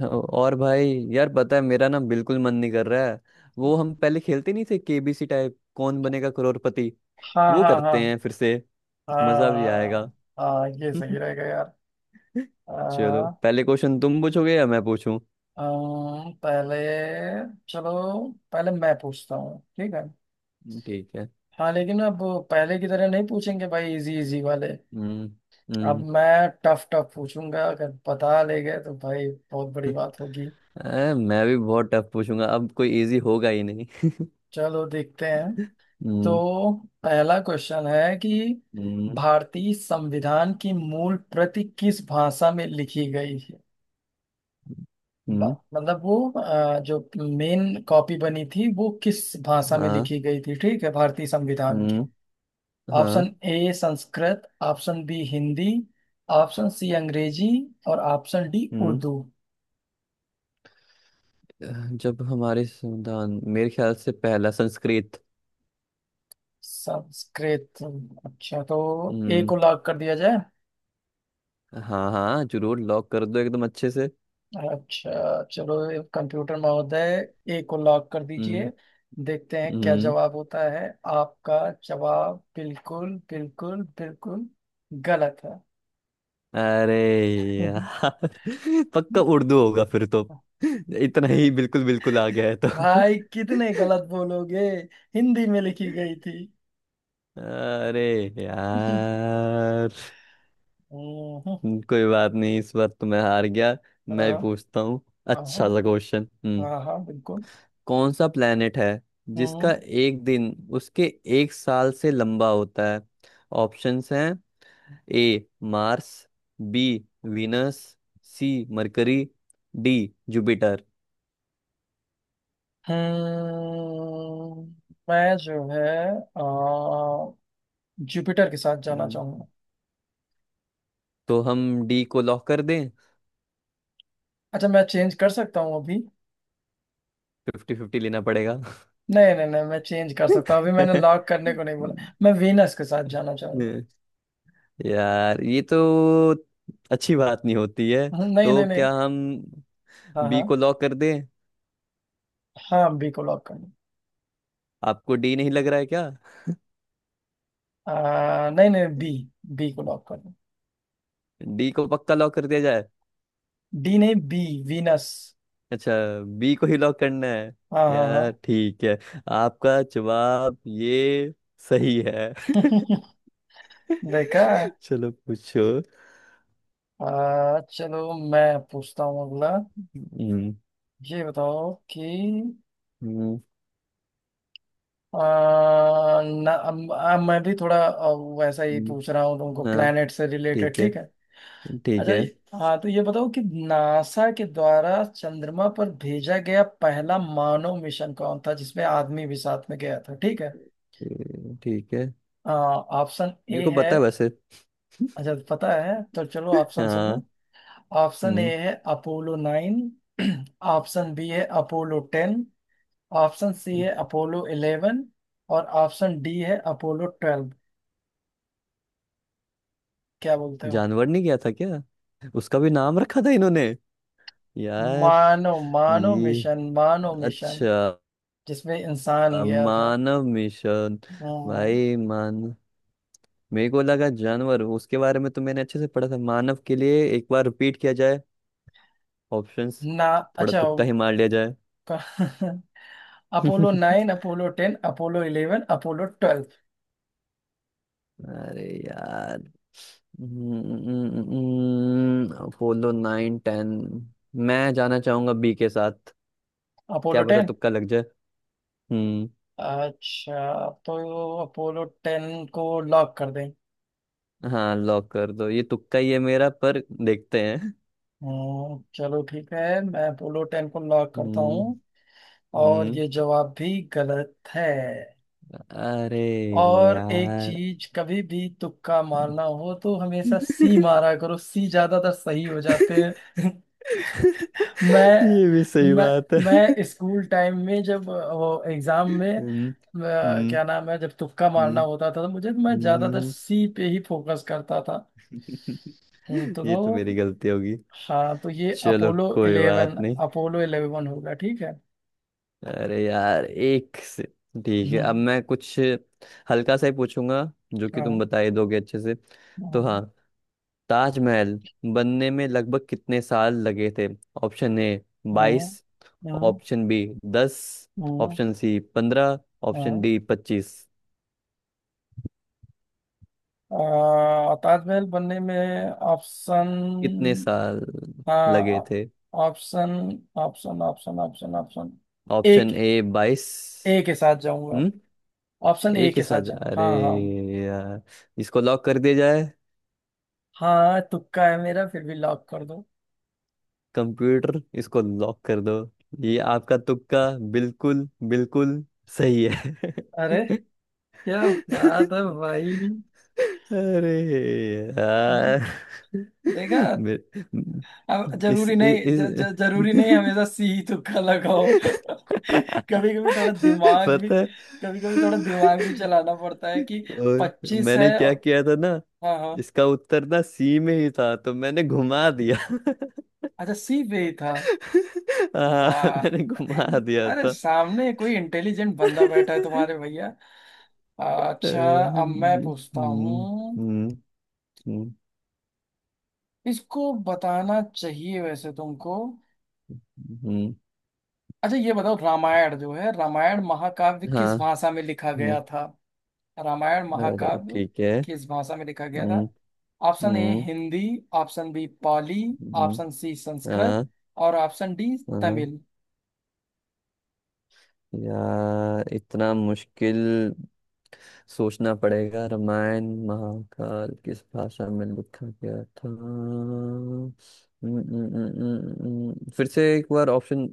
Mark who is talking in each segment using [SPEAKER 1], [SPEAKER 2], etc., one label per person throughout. [SPEAKER 1] हाँ, और भाई यार पता है मेरा ना बिल्कुल मन नहीं कर रहा है। वो हम पहले खेलते नहीं थे केबीसी टाइप कौन बनेगा करोड़पति,
[SPEAKER 2] हाँ
[SPEAKER 1] वो
[SPEAKER 2] हाँ
[SPEAKER 1] करते
[SPEAKER 2] हाँ।
[SPEAKER 1] हैं फिर से। मजा भी आएगा।
[SPEAKER 2] हाँ। हाँ, ये सही रहेगा यार।
[SPEAKER 1] चलो
[SPEAKER 2] आ,
[SPEAKER 1] पहले क्वेश्चन तुम पूछोगे या मैं पूछूं?
[SPEAKER 2] पहले। चलो, पहले मैं पूछता हूँ, ठीक है।
[SPEAKER 1] ठीक है।
[SPEAKER 2] हाँ, लेकिन अब पहले की तरह नहीं पूछेंगे भाई, इजी इजी वाले।
[SPEAKER 1] हम्म।
[SPEAKER 2] अब
[SPEAKER 1] हम्म।
[SPEAKER 2] मैं टफ टफ पूछूंगा, अगर बता ले गए तो भाई बहुत बड़ी बात होगी।
[SPEAKER 1] अरे, मैं भी बहुत टफ पूछूंगा, अब कोई इजी होगा ही नहीं।
[SPEAKER 2] चलो, देखते हैं।
[SPEAKER 1] हम्म।
[SPEAKER 2] तो पहला क्वेश्चन है कि
[SPEAKER 1] हम्म।
[SPEAKER 2] भारतीय संविधान की मूल प्रति किस भाषा में लिखी गई?
[SPEAKER 1] हम्म,
[SPEAKER 2] मतलब वो जो मेन कॉपी बनी थी वो किस भाषा में
[SPEAKER 1] हाँ।
[SPEAKER 2] लिखी गई थी, ठीक है, भारतीय संविधान की।
[SPEAKER 1] हम्म। हाँ।
[SPEAKER 2] Option A Sanskrit, option B Hindi, option C Angrezi, और ऑप्शन डी
[SPEAKER 1] हम्म।
[SPEAKER 2] उर्दू।
[SPEAKER 1] जब हमारे संविधान मेरे ख्याल से पहला संस्कृत।
[SPEAKER 2] संस्कृत। अच्छा, तो ए
[SPEAKER 1] हम्म।
[SPEAKER 2] को लॉक कर दिया जाए।
[SPEAKER 1] हाँ हाँ जरूर लॉक कर दो एकदम अच्छे से।
[SPEAKER 2] अच्छा, चलो, कंप्यूटर महोदय, ए को लॉक कर
[SPEAKER 1] हम्म।
[SPEAKER 2] दीजिए। देखते हैं क्या
[SPEAKER 1] हम्म।
[SPEAKER 2] जवाब होता है आपका। जवाब बिल्कुल बिल्कुल बिल्कुल गलत है।
[SPEAKER 1] अरे यार पक्का उर्दू होगा फिर तो। इतना ही बिल्कुल बिल्कुल आ गया है तो
[SPEAKER 2] भाई, कितने गलत बोलोगे। हिंदी में लिखी गई थी।
[SPEAKER 1] अरे
[SPEAKER 2] हम्म।
[SPEAKER 1] यार, कोई बात नहीं, इस बार तो मैं हार गया। मैं
[SPEAKER 2] हाँ
[SPEAKER 1] भी पूछता हूँ। अच्छा
[SPEAKER 2] हाँ
[SPEAKER 1] सा क्वेश्चन। हम्म।
[SPEAKER 2] हाँ। हाँ, बिल्कुल।
[SPEAKER 1] कौन सा प्लेनेट है जिसका
[SPEAKER 2] हम्म।
[SPEAKER 1] एक दिन उसके एक साल से लंबा होता है? ऑप्शंस हैं। A Mars, B Venus, C Mercury, D Jupiter.
[SPEAKER 2] हम्म। मैं जो है, अ, जुपिटर के साथ जाना
[SPEAKER 1] हम्म,
[SPEAKER 2] चाहूंगा।
[SPEAKER 1] तो हम डी को लॉक कर दें?
[SPEAKER 2] अच्छा, मैं चेंज कर सकता हूँ अभी।
[SPEAKER 1] फिफ्टी फिफ्टी लेना पड़ेगा।
[SPEAKER 2] नहीं नहीं नहीं, मैं चेंज कर सकता हूँ अभी, मैंने लॉक करने को नहीं बोला। मैं वीनस के साथ जाना चाहूंगा।
[SPEAKER 1] यार ये तो अच्छी बात नहीं होती है।
[SPEAKER 2] नहीं
[SPEAKER 1] तो
[SPEAKER 2] नहीं नहीं।
[SPEAKER 1] क्या हम
[SPEAKER 2] हाँ
[SPEAKER 1] बी को
[SPEAKER 2] हाँ
[SPEAKER 1] लॉक कर दें?
[SPEAKER 2] हाँ, बी को लॉक कर दो।
[SPEAKER 1] आपको डी नहीं लग रहा है क्या?
[SPEAKER 2] नहीं नहीं बी। बी को लॉक कर दो।
[SPEAKER 1] डी को पक्का लॉक कर दिया जाए?
[SPEAKER 2] डी नहीं, बी, वीनस।
[SPEAKER 1] अच्छा, बी को ही लॉक करना है।
[SPEAKER 2] हाँ हाँ
[SPEAKER 1] यार ठीक है, आपका जवाब ये सही है।
[SPEAKER 2] हाँ। देखा।
[SPEAKER 1] चलो पूछो।
[SPEAKER 2] चलो, मैं पूछता हूँ अगला।
[SPEAKER 1] हम्म।
[SPEAKER 2] ये बताओ कि
[SPEAKER 1] हम्म,
[SPEAKER 2] आ, ना, मैं भी थोड़ा वैसा ही पूछ
[SPEAKER 1] हम्म,
[SPEAKER 2] रहा हूँ तुमको,
[SPEAKER 1] हाँ।
[SPEAKER 2] प्लेनेट से रिलेटेड,
[SPEAKER 1] ठीक है।
[SPEAKER 2] ठीक है।
[SPEAKER 1] ठीक
[SPEAKER 2] अच्छा,
[SPEAKER 1] है।
[SPEAKER 2] हाँ, तो ये बताओ कि नासा के द्वारा चंद्रमा पर भेजा गया पहला मानव मिशन कौन था जिसमें आदमी भी साथ में गया था, ठीक है।
[SPEAKER 1] ए, ठीक है।
[SPEAKER 2] ऑप्शन
[SPEAKER 1] मेरे
[SPEAKER 2] ए
[SPEAKER 1] को
[SPEAKER 2] है।
[SPEAKER 1] पता है वैसे।
[SPEAKER 2] अच्छा, पता है तो चलो ऑप्शन सुन लो।
[SPEAKER 1] हाँ।
[SPEAKER 2] ऑप्शन ए
[SPEAKER 1] हम्म।
[SPEAKER 2] है अपोलो 9, ऑप्शन बी है अपोलो 10, ऑप्शन सी है अपोलो 11, और ऑप्शन डी है अपोलो 12। क्या बोलते हो?
[SPEAKER 1] जानवर नहीं गया था क्या? उसका भी नाम रखा था इन्होंने यार।
[SPEAKER 2] मानो मानो
[SPEAKER 1] ये,
[SPEAKER 2] मिशन, मानो मिशन
[SPEAKER 1] अच्छा,
[SPEAKER 2] जिसमें इंसान गया था।
[SPEAKER 1] मानव मिशन।
[SPEAKER 2] हम्म,
[SPEAKER 1] भाई मान, मेरे को लगा जानवर। उसके बारे में तो मैंने अच्छे से पढ़ा था। मानव के लिए एक बार रिपीट किया जाए। ऑप्शंस।
[SPEAKER 2] ना।
[SPEAKER 1] थोड़ा
[SPEAKER 2] अच्छा।
[SPEAKER 1] तुक्का ही मार लिया जाए।
[SPEAKER 2] Apollo nine, Apollo 10, Apollo 11, Apollo 12।
[SPEAKER 1] अरे यार। Apollo nine ten. मैं जाना चाहूंगा बी के साथ,
[SPEAKER 2] अपोलो
[SPEAKER 1] क्या पता
[SPEAKER 2] टेन।
[SPEAKER 1] तुक्का लग जाए। हम्म।
[SPEAKER 2] अच्छा, तो अपोलो 10 को लॉक कर दें।
[SPEAKER 1] हाँ लॉक कर दो, ये तुक्का ही है मेरा, पर देखते हैं।
[SPEAKER 2] चलो ठीक है, मैं पोलो टेन को लॉक करता
[SPEAKER 1] हम्म।
[SPEAKER 2] हूँ। और
[SPEAKER 1] हम्म।
[SPEAKER 2] ये जवाब भी गलत है।
[SPEAKER 1] अरे
[SPEAKER 2] और एक
[SPEAKER 1] यार।
[SPEAKER 2] चीज, कभी भी तुक्का मारना हो तो हमेशा सी मारा करो, सी ज्यादातर सही हो जाते हैं। मैं
[SPEAKER 1] ये भी सही
[SPEAKER 2] मैं
[SPEAKER 1] बात है।
[SPEAKER 2] मैं स्कूल टाइम में जब वो एग्जाम में
[SPEAKER 1] हम्म। हम्म।
[SPEAKER 2] क्या नाम है, जब तुक्का
[SPEAKER 1] हम्म।
[SPEAKER 2] मारना होता था तो मुझे, मैं ज्यादातर
[SPEAKER 1] हम्म।
[SPEAKER 2] सी पे ही फोकस करता था। हम्म। तो
[SPEAKER 1] ये तो मेरी गलती होगी।
[SPEAKER 2] हाँ, तो ये
[SPEAKER 1] चलो
[SPEAKER 2] अपोलो
[SPEAKER 1] कोई बात
[SPEAKER 2] इलेवन
[SPEAKER 1] नहीं।
[SPEAKER 2] अपोलो 11 होगा, ठीक है।
[SPEAKER 1] अरे यार एक से। ठीक है, अब
[SPEAKER 2] हम्म।
[SPEAKER 1] मैं कुछ हल्का सा ही पूछूंगा जो कि तुम
[SPEAKER 2] हाँ
[SPEAKER 1] बता ही दोगे अच्छे से। तो
[SPEAKER 2] हाँ
[SPEAKER 1] हाँ, ताजमहल बनने में लगभग कितने साल लगे थे? ऑप्शन ए
[SPEAKER 2] हाँ
[SPEAKER 1] बाईस,
[SPEAKER 2] हाँ
[SPEAKER 1] ऑप्शन बी दस,
[SPEAKER 2] हाँ,
[SPEAKER 1] ऑप्शन सी पंद्रह, ऑप्शन
[SPEAKER 2] हाँ।
[SPEAKER 1] डी पच्चीस।
[SPEAKER 2] ताजमहल बनने में ऑप्शन।
[SPEAKER 1] कितने साल लगे
[SPEAKER 2] हाँ।
[SPEAKER 1] थे?
[SPEAKER 2] Option option option option option एक,
[SPEAKER 1] ऑप्शन ए बाईस।
[SPEAKER 2] ए के साथ जाऊंगा।
[SPEAKER 1] हम्म।
[SPEAKER 2] ऑप्शन ए
[SPEAKER 1] एक के
[SPEAKER 2] के
[SPEAKER 1] साथ
[SPEAKER 2] साथ
[SPEAKER 1] जा-
[SPEAKER 2] जाऊँ,
[SPEAKER 1] अरे
[SPEAKER 2] हाँ हाँ।
[SPEAKER 1] यार, इसको लॉक कर दिया जाए।
[SPEAKER 2] हाँ, तुक्का है मेरा, फिर भी लॉक कर दो।
[SPEAKER 1] कंप्यूटर, इसको लॉक कर दो। ये आपका तुक्का बिल्कुल बिल्कुल सही है।
[SPEAKER 2] अरे, क्या बात है भाई।
[SPEAKER 1] अरे यार,
[SPEAKER 2] देखा।
[SPEAKER 1] मेरे-
[SPEAKER 2] अब
[SPEAKER 1] इस,
[SPEAKER 2] जरूरी नहीं,
[SPEAKER 1] इ-
[SPEAKER 2] ज,
[SPEAKER 1] इस
[SPEAKER 2] ज, जरूरी नहीं हमेशा सी ही तुक्का लगाओ। कभी कभी थोड़ा दिमाग भी।
[SPEAKER 1] पता है।
[SPEAKER 2] कभी कभी थोड़ा दिमाग भी चलाना पड़ता है कि
[SPEAKER 1] और
[SPEAKER 2] 25 है
[SPEAKER 1] मैंने क्या किया था ना,
[SPEAKER 2] हाँ हाँ।
[SPEAKER 1] इसका उत्तर ना सी में ही था तो मैंने घुमा दिया।
[SPEAKER 2] अच्छा, सी पे ही था।
[SPEAKER 1] हाँ
[SPEAKER 2] वाह।
[SPEAKER 1] मैंने घुमा दिया
[SPEAKER 2] अरे,
[SPEAKER 1] था।
[SPEAKER 2] सामने कोई इंटेलिजेंट बंदा बैठा है तुम्हारे भैया। अच्छा, अब मैं
[SPEAKER 1] हम्म।
[SPEAKER 2] पूछता
[SPEAKER 1] हम्म।
[SPEAKER 2] हूँ।
[SPEAKER 1] हम्म। हम्म,
[SPEAKER 2] इसको बताना चाहिए वैसे तुमको।
[SPEAKER 1] हम्म,
[SPEAKER 2] अच्छा, ये बताओ, रामायण जो है रामायण महाकाव्य किस
[SPEAKER 1] हाँ।
[SPEAKER 2] भाषा में लिखा गया
[SPEAKER 1] हम्म,
[SPEAKER 2] था? रामायण
[SPEAKER 1] अरे
[SPEAKER 2] महाकाव्य
[SPEAKER 1] ठीक है।
[SPEAKER 2] किस भाषा में लिखा गया था?
[SPEAKER 1] हम्म।
[SPEAKER 2] ऑप्शन ए
[SPEAKER 1] हम्म।
[SPEAKER 2] हिंदी, ऑप्शन बी पाली,
[SPEAKER 1] हम्म,
[SPEAKER 2] ऑप्शन सी संस्कृत,
[SPEAKER 1] हाँ।
[SPEAKER 2] और ऑप्शन डी
[SPEAKER 1] हाँ,
[SPEAKER 2] तमिल।
[SPEAKER 1] यार इतना मुश्किल, सोचना पड़ेगा रामायण महाकाल किस भाषा में लिखा गया था। हम्म, फिर से एक बार ऑप्शन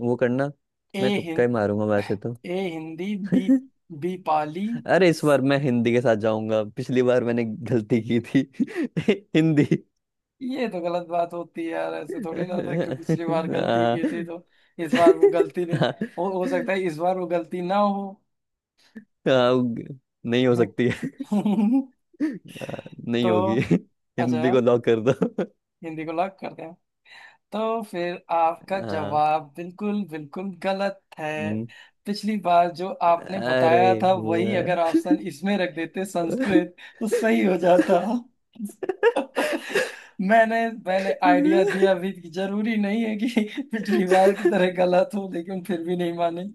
[SPEAKER 1] वो करना।
[SPEAKER 2] ए
[SPEAKER 1] मैं तुक्का
[SPEAKER 2] हिं,
[SPEAKER 1] ही मारूंगा वैसे तो।
[SPEAKER 2] A Hindi, B B Pali.
[SPEAKER 1] अरे इस बार मैं हिंदी के साथ जाऊंगा, पिछली बार मैंने गलती की थी। हिंदी।
[SPEAKER 2] ये तो गलत बात होती है यार, ऐसे थोड़ी ना होता है कि पिछली बार गलती
[SPEAKER 1] हाँ
[SPEAKER 2] की थी तो इस बार वो गलती ने
[SPEAKER 1] हाँ,
[SPEAKER 2] हो सकता है इस बार वो गलती ना हो।
[SPEAKER 1] हाँ, नहीं हो सकती। हाँ, नहीं
[SPEAKER 2] तो
[SPEAKER 1] होगी।
[SPEAKER 2] अच्छा,
[SPEAKER 1] हिंदी को लॉक कर दो।
[SPEAKER 2] हिंदी को लॉक करते हैं। तो फिर आपका
[SPEAKER 1] हाँ।
[SPEAKER 2] जवाब बिल्कुल बिल्कुल गलत है।
[SPEAKER 1] हम्म,
[SPEAKER 2] पिछली बार जो आपने
[SPEAKER 1] अरे
[SPEAKER 2] बताया था, वही अगर
[SPEAKER 1] यार
[SPEAKER 2] ऑप्शन इसमें रख देते, संस्कृत, तो सही हो जाता। मैंने मैंने आइडिया दिया भी कि जरूरी नहीं है कि पिछली बार की तरह गलत हो, लेकिन फिर भी नहीं माने।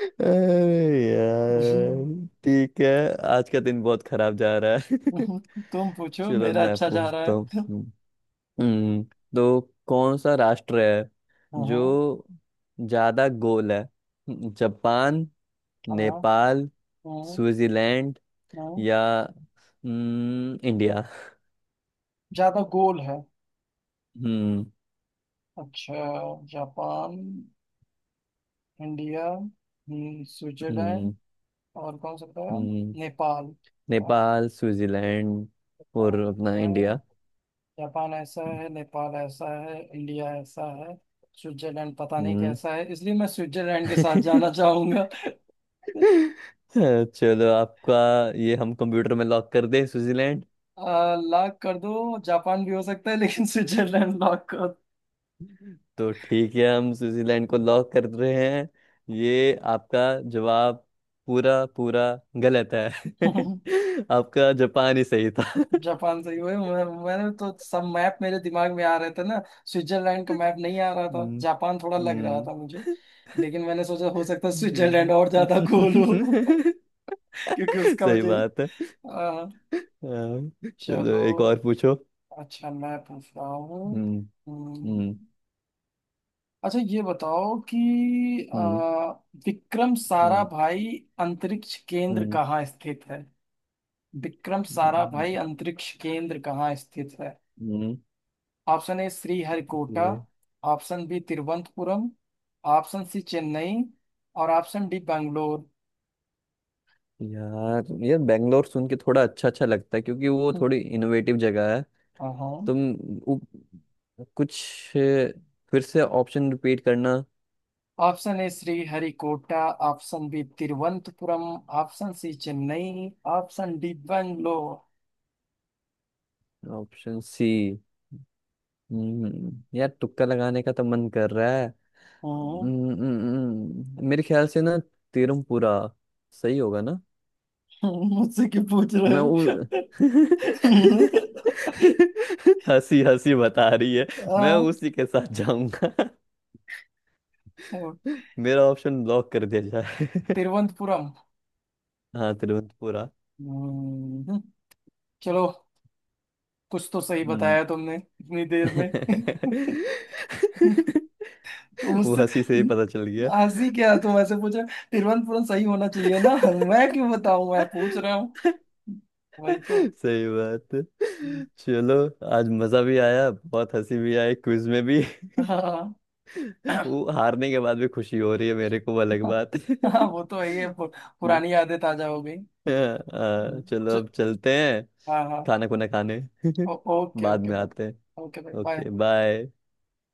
[SPEAKER 1] अरे यार ठीक है, आज का दिन बहुत खराब जा रहा है।
[SPEAKER 2] हम्म, तुम पूछो,
[SPEAKER 1] चलो
[SPEAKER 2] मेरा
[SPEAKER 1] मैं
[SPEAKER 2] अच्छा जा रहा
[SPEAKER 1] पूछता हूँ।
[SPEAKER 2] है।
[SPEAKER 1] हम्म, तो कौन सा राष्ट्र है
[SPEAKER 2] हाँ
[SPEAKER 1] जो ज्यादा गोल है? जापान,
[SPEAKER 2] हाँ
[SPEAKER 1] नेपाल,
[SPEAKER 2] हाँ
[SPEAKER 1] स्विट्जरलैंड
[SPEAKER 2] हाँ।
[SPEAKER 1] या इंडिया।
[SPEAKER 2] ज्यादा गोल है?
[SPEAKER 1] हम्म।
[SPEAKER 2] अच्छा, जापान, इंडिया, स्विट्जरलैंड,
[SPEAKER 1] हम्म।
[SPEAKER 2] और कौन सा बताया?
[SPEAKER 1] हम्म,
[SPEAKER 2] नेपाल। Japan
[SPEAKER 1] Nepal Switzerland. और अपना
[SPEAKER 2] ऐसा है
[SPEAKER 1] इंडिया।
[SPEAKER 2] जापान ऐसा है, नेपाल ऐसा है, इंडिया ऐसा है, स्विट्जरलैंड पता नहीं
[SPEAKER 1] हम्म।
[SPEAKER 2] कैसा है, इसलिए मैं स्विट्जरलैंड के साथ जाना चाहूंगा।
[SPEAKER 1] चलो आपका ये हम कंप्यूटर में लॉक कर दें, स्विट्जरलैंड?
[SPEAKER 2] लॉक कर दो, जापान भी हो सकता है लेकिन स्विट्जरलैंड लॉक कर
[SPEAKER 1] तो ठीक है, हम स्विट्जरलैंड को लॉक कर रहे हैं। ये आपका जवाब पूरा पूरा गलत है।
[SPEAKER 2] दो।
[SPEAKER 1] आपका जापान ही सही था।
[SPEAKER 2] जापान सही हुए, मैंने तो सब मैप मेरे दिमाग में आ रहे थे ना। स्विट्जरलैंड का मैप नहीं आ रहा था,
[SPEAKER 1] हम्म।
[SPEAKER 2] जापान थोड़ा लग रहा
[SPEAKER 1] हम्म,
[SPEAKER 2] था मुझे। लेकिन मैंने सोचा हो सकता है
[SPEAKER 1] ठीक
[SPEAKER 2] स्विट्जरलैंड और ज्यादा गोल हो।
[SPEAKER 1] है।
[SPEAKER 2] क्योंकि उसका
[SPEAKER 1] सही
[SPEAKER 2] वजह ही।
[SPEAKER 1] बात है। हाँ, चलो
[SPEAKER 2] चलो,
[SPEAKER 1] एक और पूछो।
[SPEAKER 2] अच्छा, मैं पूछ रहा हूँ।
[SPEAKER 1] हम्म।
[SPEAKER 2] हम्म,
[SPEAKER 1] हम्म।
[SPEAKER 2] अच्छा, ये बताओ कि
[SPEAKER 1] हम्म।
[SPEAKER 2] आ, विक्रम
[SPEAKER 1] हम्म।
[SPEAKER 2] साराभाई अंतरिक्ष केंद्र
[SPEAKER 1] हम्म।
[SPEAKER 2] कहाँ स्थित है? विक्रम
[SPEAKER 1] हम्म,
[SPEAKER 2] साराभाई अंतरिक्ष केंद्र कहाँ स्थित है?
[SPEAKER 1] हम्म,
[SPEAKER 2] ऑप्शन ए श्रीहरिकोटा,
[SPEAKER 1] ये-
[SPEAKER 2] option B Thiruvananthapuram, option C Chennai, और ऑप्शन डी बेंगलोर।
[SPEAKER 1] यार ये बेंगलोर सुन के थोड़ा अच्छा अच्छा लगता है क्योंकि वो थोड़ी इनोवेटिव जगह है।
[SPEAKER 2] हाँ।
[SPEAKER 1] तुम, उ, कुछ, अ, फिर से ऑप्शन रिपीट करना।
[SPEAKER 2] Option A Sriharikota, option B Thiruvananthapuram, option C Chennai, option D Bangalore.
[SPEAKER 1] Option C. हम्म, यार तुक्का लगाने का तो मन कर रहा है।
[SPEAKER 2] हम्म,
[SPEAKER 1] मेरे ख्याल से ना तिरुमपुरा सही होगा।
[SPEAKER 2] मुझसे क्यों पूछ रहे
[SPEAKER 1] मैं उ...
[SPEAKER 2] हो?
[SPEAKER 1] हंसी हंसी बता रही है। मैं
[SPEAKER 2] हाँ,
[SPEAKER 1] उसी के साथ जाऊंगा। मेरा ऑप्शन ब्लॉक कर दिया जाए।
[SPEAKER 2] तिरुवनंतपुरम।
[SPEAKER 1] हाँ तिरुवंतपुरा।
[SPEAKER 2] हम्म, चलो, कुछ तो सही
[SPEAKER 1] हम्म।
[SPEAKER 2] बताया तुमने इतनी देर में। तो
[SPEAKER 1] वो
[SPEAKER 2] मुझसे
[SPEAKER 1] हंसी से ही पता चल गया।
[SPEAKER 2] हंसी क्या, तुम ऐसे पूछ रहे हो? तिरुवनंतपुरम सही होना चाहिए ना, मैं क्यों बताऊं, मैं पूछ रहा हूँ। वही तो।
[SPEAKER 1] सही बात है।
[SPEAKER 2] हम्म।
[SPEAKER 1] चलो, आज मजा भी आया, बहुत हंसी भी आई, क्विज में भी।
[SPEAKER 2] हाँ
[SPEAKER 1] वो हारने के बाद भी खुशी हो रही है मेरे को, वो अलग बात।
[SPEAKER 2] हाँ, वो तो है, पुरानी यादें ताजा हो गई।
[SPEAKER 1] हाँ,
[SPEAKER 2] हम्म।
[SPEAKER 1] चलो
[SPEAKER 2] च-
[SPEAKER 1] अब चलते हैं,
[SPEAKER 2] हाँ हाँ।
[SPEAKER 1] खाना खुना खाने।
[SPEAKER 2] ओके,
[SPEAKER 1] बाद
[SPEAKER 2] ओके,
[SPEAKER 1] में
[SPEAKER 2] बाय।
[SPEAKER 1] आते हैं।
[SPEAKER 2] Okay, bye bye.
[SPEAKER 1] Okay bye.